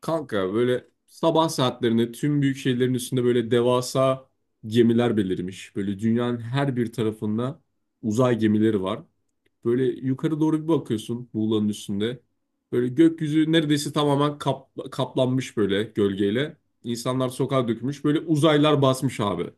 Kanka böyle sabah saatlerinde tüm büyük şehirlerin üstünde böyle devasa gemiler belirmiş. Böyle dünyanın her bir tarafında uzay gemileri var. Böyle yukarı doğru bir bakıyorsun Muğla'nın üstünde. Böyle gökyüzü neredeyse tamamen kaplanmış böyle gölgeyle. İnsanlar sokağa dökülmüş. Böyle uzaylar basmış abi.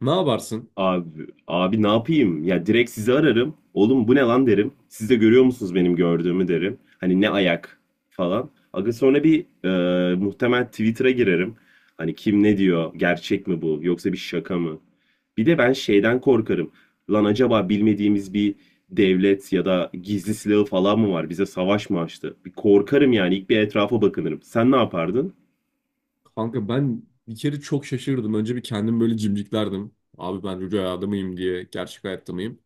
Ne yaparsın? Abi, abi ne yapayım? Ya direkt sizi ararım. Oğlum bu ne lan derim. Siz de görüyor musunuz benim gördüğümü derim. Hani ne ayak falan. Aga sonra bir muhtemel Twitter'a girerim. Hani kim ne diyor? Gerçek mi bu? Yoksa bir şaka mı? Bir de ben şeyden korkarım. Lan acaba bilmediğimiz bir devlet ya da gizli silahı falan mı var? Bize savaş mı açtı? Bir korkarım yani. İlk bir etrafa bakınırım. Sen ne yapardın? Kanka ben bir kere çok şaşırdım. Önce bir kendim böyle cimciklerdim. Abi ben rüyada mıyım diye, gerçek hayatta mıyım?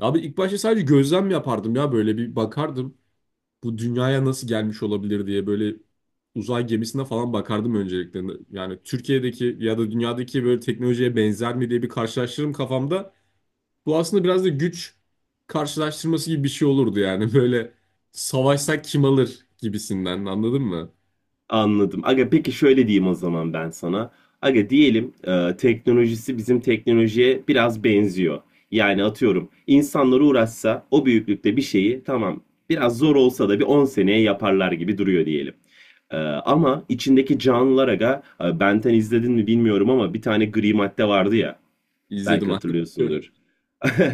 Abi ilk başta sadece gözlem yapardım ya böyle bir bakardım. Bu dünyaya nasıl gelmiş olabilir diye böyle uzay gemisine falan bakardım öncelikle. Yani Türkiye'deki ya da dünyadaki böyle teknolojiye benzer mi diye bir karşılaştırırım kafamda. Bu aslında biraz da güç karşılaştırması gibi bir şey olurdu yani. Böyle savaşsak kim alır gibisinden anladın mı? Anladım. Aga peki şöyle diyeyim o zaman ben sana. Aga diyelim teknolojisi bizim teknolojiye biraz benziyor. Yani atıyorum insanlar uğraşsa o büyüklükte bir şeyi, tamam biraz zor olsa da, bir 10 seneye yaparlar gibi duruyor diyelim. Ama içindeki canlılar aga, Benten izledin mi bilmiyorum ama bir tane gri madde vardı ya, İzledim belki aslında. hatırlıyorsundur.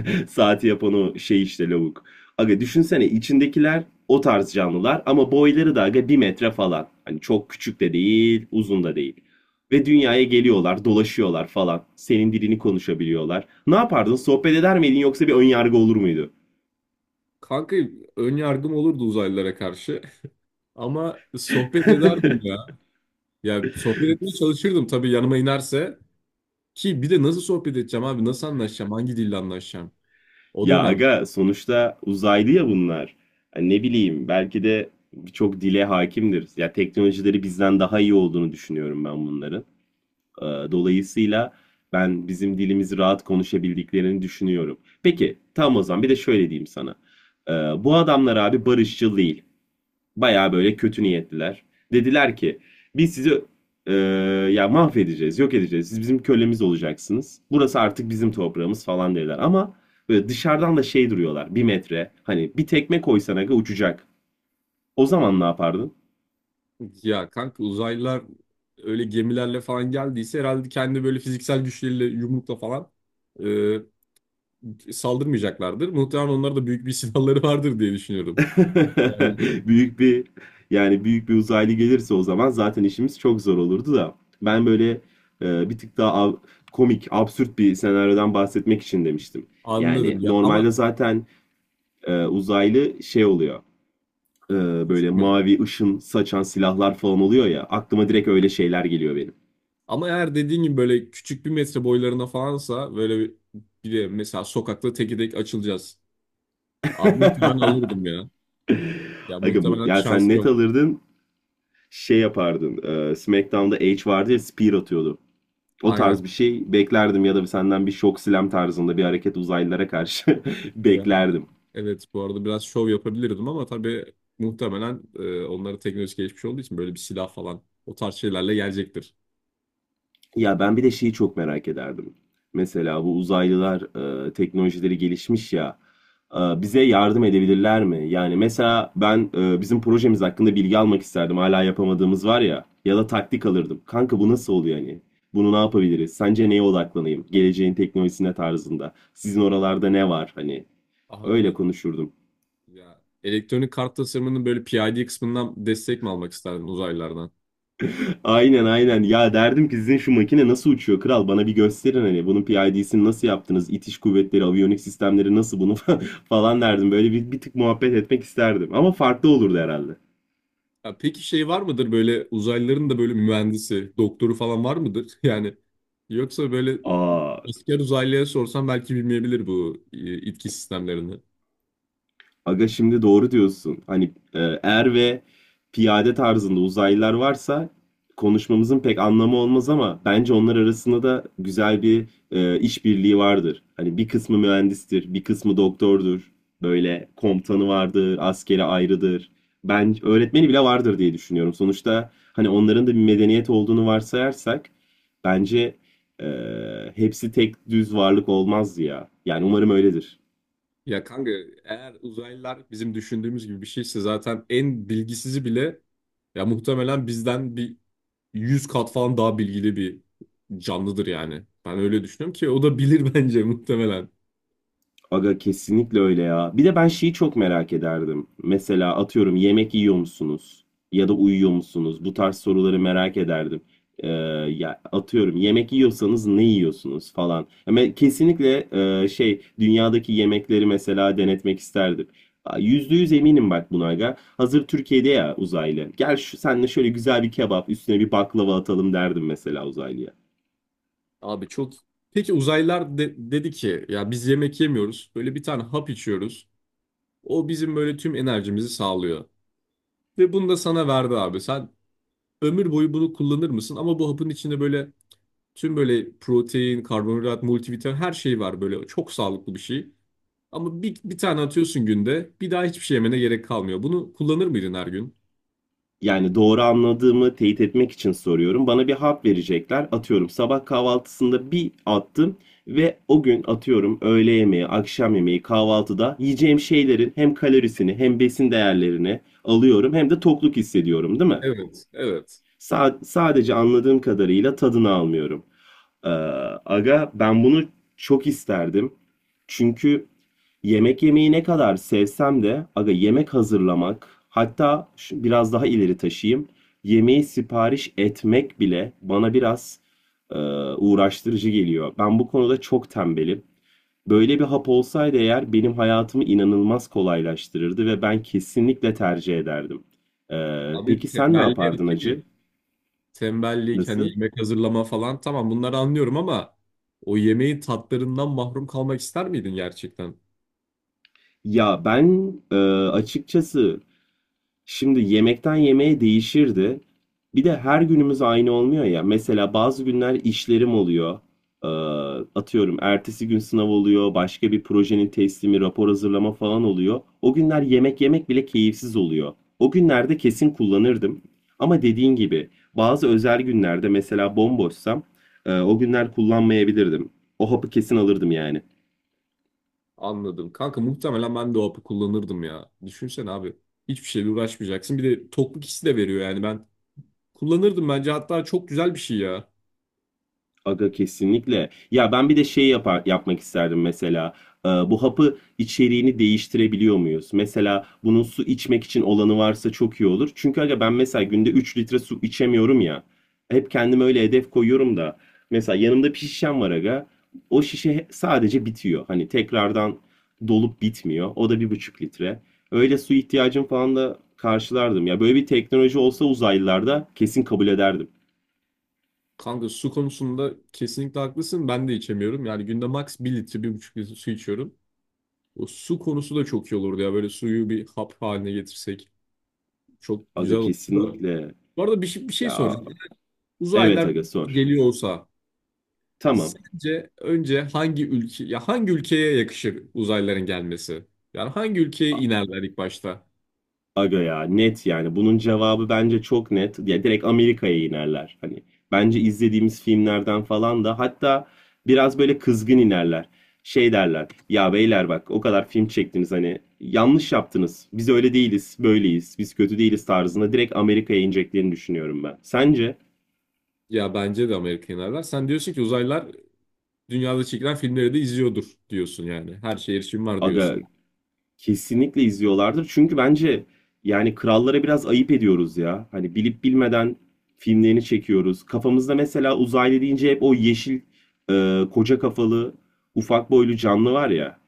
Saati yapan o şey işte lavuk. Aga düşünsene içindekiler o tarz canlılar ama boyları da aga bir metre falan. Hani çok küçük de değil, uzun da değil. Ve dünyaya geliyorlar, dolaşıyorlar falan. Senin dilini konuşabiliyorlar. Ne yapardın? Sohbet eder miydin yoksa bir önyargı olur muydu? Kanka ön yargım olurdu uzaylılara karşı. Ama sohbet ederdim ya. Ya sohbet etmeye çalışırdım tabii yanıma inerse. Ki bir de nasıl sohbet edeceğim abi? Nasıl anlaşacağım? Hangi dille anlaşacağım? O da Ya önemli. aga sonuçta uzaylı ya bunlar. Hani ne bileyim, belki de birçok dile hakimdir. Ya, teknolojileri bizden daha iyi olduğunu düşünüyorum ben bunların. Dolayısıyla ben bizim dilimizi rahat konuşabildiklerini düşünüyorum. Peki tam o zaman bir de şöyle diyeyim sana. Ee, Bu adamlar abi barışçıl değil. Baya böyle kötü niyetliler. Dediler ki biz sizi e, ya mahvedeceğiz, yok edeceğiz. Siz bizim kölemiz olacaksınız. Burası artık bizim toprağımız falan dediler. Ama böyle dışarıdan da şey duruyorlar. Bir metre. Hani bir tekme koysan aga uçacak. O zaman ne yapardın? Ya kanka uzaylılar öyle gemilerle falan geldiyse herhalde kendi böyle fiziksel güçleriyle yumrukla falan saldırmayacaklardır. Muhtemelen onlarda da büyük bir silahları vardır diye düşünüyorum. Yani Büyük bir, yani büyük bir uzaylı gelirse o zaman zaten işimiz çok zor olurdu da. Ben böyle bir tık daha komik, absürt bir senaryodan bahsetmek için demiştim. anladım Yani ya normalde ama zaten uzaylı şey oluyor. e, Böyle küçük mü? mavi ışın saçan silahlar falan oluyor ya. Aklıma direkt öyle şeyler geliyor benim. Ama eğer dediğin gibi böyle küçük bir metre boylarına falansa böyle bir de mesela sokakta teke tek açılacağız. Abi muhtemelen alırdım ya. Ya Aga, muhtemelen ya sen şans net yok. alırdın, şey yapardın. SmackDown'da Edge vardı ya, spear atıyordu. O tarz Aynen. bir şey beklerdim ya da senden bir şok silem tarzında bir hareket uzaylılara karşı Ya, beklerdim. evet, bu arada biraz şov yapabilirdim ama tabii muhtemelen onlara teknoloji gelişmiş olduğu için böyle bir silah falan o tarz şeylerle gelecektir. Ya ben bir de şeyi çok merak ederdim. Mesela bu uzaylılar, teknolojileri gelişmiş ya, bize yardım edebilirler mi? Yani mesela ben bizim projemiz hakkında bilgi almak isterdim. Hala yapamadığımız var ya, ya da taktik alırdım. Kanka bu nasıl oluyor hani? Bunu ne yapabiliriz? Sence neye odaklanayım? Geleceğin teknolojisine tarzında. Sizin oralarda ne var? Hani öyle Anladım. konuşurdum. Ya elektronik kart tasarımının böyle PID kısmından destek mi almak isterdin uzaylılardan? Aynen, aynen. Ya derdim ki sizin şu makine nasıl uçuyor kral, bana bir gösterin, hani bunun PID'sini nasıl yaptınız? İtiş kuvvetleri, aviyonik sistemleri nasıl bunu falan derdim. Böyle bir tık muhabbet etmek isterdim. Ama farklı olurdu herhalde. Ya peki şey var mıdır böyle uzaylıların da böyle mühendisi, doktoru falan var mıdır? Yani yoksa böyle Aa, asker uzaylıya sorsam belki bilmeyebilir bu itki sistemlerini. aga şimdi doğru diyorsun. Hani er ve piyade tarzında uzaylılar varsa konuşmamızın pek anlamı olmaz, ama bence onlar arasında da güzel bir işbirliği vardır. Hani bir kısmı mühendistir, bir kısmı doktordur. Böyle komutanı vardır, askeri ayrıdır. Ben öğretmeni bile vardır diye düşünüyorum. Sonuçta hani onların da bir medeniyet olduğunu varsayarsak, bence e, hepsi tek düz varlık olmaz ya. Yani umarım öyledir. Ya kanka eğer uzaylılar bizim düşündüğümüz gibi bir şeyse zaten en bilgisizi bile ya muhtemelen bizden bir 100 kat falan daha bilgili bir canlıdır yani. Ben öyle düşünüyorum ki o da bilir bence muhtemelen. Aga kesinlikle öyle ya. Bir de ben şeyi çok merak ederdim. Mesela atıyorum yemek yiyor musunuz? Ya da uyuyor musunuz? Bu tarz soruları merak ederdim. Ee, ya atıyorum yemek yiyorsanız ne yiyorsunuz falan. Ama kesinlikle şey, dünyadaki yemekleri mesela denetmek isterdim. Aa, %100 eminim bak buna aga. Hazır Türkiye'de ya uzaylı. Gel şu senle şöyle güzel bir kebap üstüne bir baklava atalım derdim mesela uzaylıya. Abi çok. Peki uzaylılar dedi ki ya biz yemek yemiyoruz. Böyle bir tane hap içiyoruz. O bizim böyle tüm enerjimizi sağlıyor. Ve bunu da sana verdi abi. Sen ömür boyu bunu kullanır mısın? Ama bu hapın içinde böyle tüm böyle protein, karbonhidrat, multivitamin her şey var böyle. Çok sağlıklı bir şey. Ama bir tane atıyorsun günde. Bir daha hiçbir şey yemene gerek kalmıyor. Bunu kullanır mıydın her gün? Yani doğru anladığımı teyit etmek için soruyorum. Bana bir hap verecekler. Atıyorum sabah kahvaltısında bir attım ve o gün, atıyorum, öğle yemeği, akşam yemeği, kahvaltıda yiyeceğim şeylerin hem kalorisini hem besin değerlerini alıyorum, hem de tokluk hissediyorum, değil mi? Evet, evet. Sadece anladığım kadarıyla tadını almıyorum. Ee, aga ben bunu çok isterdim. Çünkü yemek yemeyi ne kadar sevsem de aga, yemek hazırlamak, hatta biraz daha ileri taşıyayım, yemeği sipariş etmek bile bana biraz e, uğraştırıcı geliyor. Ben bu konuda çok tembelim. Böyle bir hap olsaydı eğer, benim hayatımı inanılmaz kolaylaştırırdı ve ben kesinlikle tercih ederdim. Abi Peki sen ne tembelliğe yapardın hakimim. acı? Tembellik, hani Nasıl? yemek hazırlama falan tamam bunları anlıyorum ama o yemeğin tatlarından mahrum kalmak ister miydin gerçekten? Ya ben açıkçası, şimdi yemekten yemeğe değişirdi. Bir de her günümüz aynı olmuyor ya. Mesela bazı günler işlerim oluyor. Ee, atıyorum ertesi gün sınav oluyor, başka bir projenin teslimi, rapor hazırlama falan oluyor. O günler yemek yemek bile keyifsiz oluyor. O günlerde kesin kullanırdım. Ama dediğin gibi bazı özel günlerde, mesela bomboşsam, o günler kullanmayabilirdim. O hapı kesin alırdım yani. Anladım. Kanka muhtemelen ben de o hapı kullanırdım ya. Düşünsene abi. Hiçbir şeyle uğraşmayacaksın. Bir de tokluk hissi de veriyor yani ben. Kullanırdım bence, hatta çok güzel bir şey ya. Aga kesinlikle. Ya ben bir de şey yapmak isterdim mesela. Bu hapı içeriğini değiştirebiliyor muyuz? Mesela bunun su içmek için olanı varsa çok iyi olur. Çünkü aga ben mesela günde 3 litre su içemiyorum ya. Hep kendime öyle hedef koyuyorum da. Mesela yanımda bir şişem var aga. O şişe sadece bitiyor. Hani tekrardan dolup bitmiyor. O da 1,5 litre. Öyle su ihtiyacım falan da karşılardım. Ya böyle bir teknoloji olsa uzaylılarda, kesin kabul ederdim. Kanka su konusunda kesinlikle haklısın. Ben de içemiyorum. Yani günde max bir litre, bir buçuk litre su içiyorum. O su konusu da çok iyi olurdu ya. Böyle suyu bir hap haline getirsek çok güzel Aga olurdu da. kesinlikle. Bu arada bir şey Ya, soracağım. evet Uzaylılar aga sor. geliyor olsa Tamam. sence önce hangi ülke ya hangi ülkeye yakışır uzaylıların gelmesi? Yani hangi ülkeye A- inerler ilk başta? Aga ya net yani. Bunun cevabı bence çok net. Ya direkt Amerika'ya inerler. Hani bence izlediğimiz filmlerden falan da, hatta biraz böyle kızgın inerler. Şey derler. Ya beyler bak, o kadar film çektiniz, hani yanlış yaptınız. Biz öyle değiliz, böyleyiz. Biz kötü değiliz tarzında direkt Amerika'ya ineceklerini düşünüyorum ben. Sence? Ya bence de Amerika inerler. Sen diyorsun ki uzaylılar dünyada çekilen filmleri de izliyordur diyorsun yani. Her şeye erişim var Aga, diyorsun. kesinlikle izliyorlardır. Çünkü bence, yani krallara biraz ayıp ediyoruz ya. Hani bilip bilmeden filmlerini çekiyoruz. Kafamızda mesela uzaylı deyince hep o yeşil, koca kafalı, ufak boylu canlı var ya.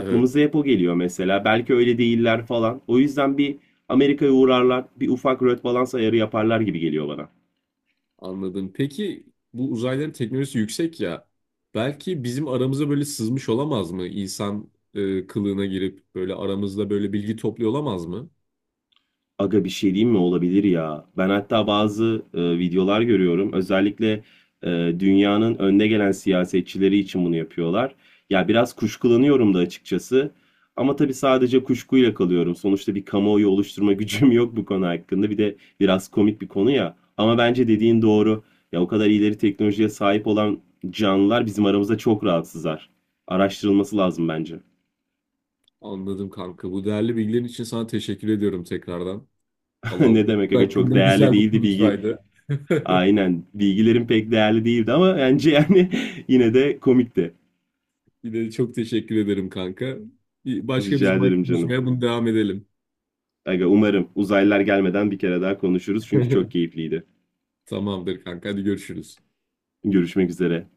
Evet. hep o geliyor mesela. Belki öyle değiller falan. O yüzden bir Amerika'ya uğrarlar, bir ufak röt balans ayarı yaparlar gibi geliyor bana. Anladım. Peki bu uzayların teknolojisi yüksek ya. Belki bizim aramıza böyle sızmış olamaz mı? İnsan kılığına girip böyle aramızda böyle bilgi topluyor olamaz mı? Aga bir şey diyeyim mi? Olabilir ya. Ben hatta bazı videolar görüyorum. Özellikle e, dünyanın önde gelen siyasetçileri için bunu yapıyorlar. Ya biraz kuşkulanıyorum da açıkçası. Ama tabii sadece kuşkuyla kalıyorum. Sonuçta bir kamuoyu oluşturma gücüm yok bu konu hakkında. Bir de biraz komik bir konu ya. Ama bence dediğin doğru. Ya o kadar ileri teknolojiye sahip olan canlılar bizim aramızda çok rahatsızlar. Araştırılması lazım bence. Anladım kanka. Bu değerli bilgilerin için sana teşekkür ediyorum tekrardan. Allah Ne uzay demek aga, çok hakkında değerli güzel bir değildi bilgi. konuşmaydı. Aynen. Bilgilerim pek değerli değildi ama bence yani yine de komikti. Bir de çok teşekkür ederim kanka. Başka bir Rica zaman ederim canım. konuşmaya bunu devam edelim. Aga umarım uzaylılar gelmeden bir kere daha konuşuruz çünkü çok keyifliydi. Tamamdır kanka. Hadi görüşürüz. Görüşmek üzere.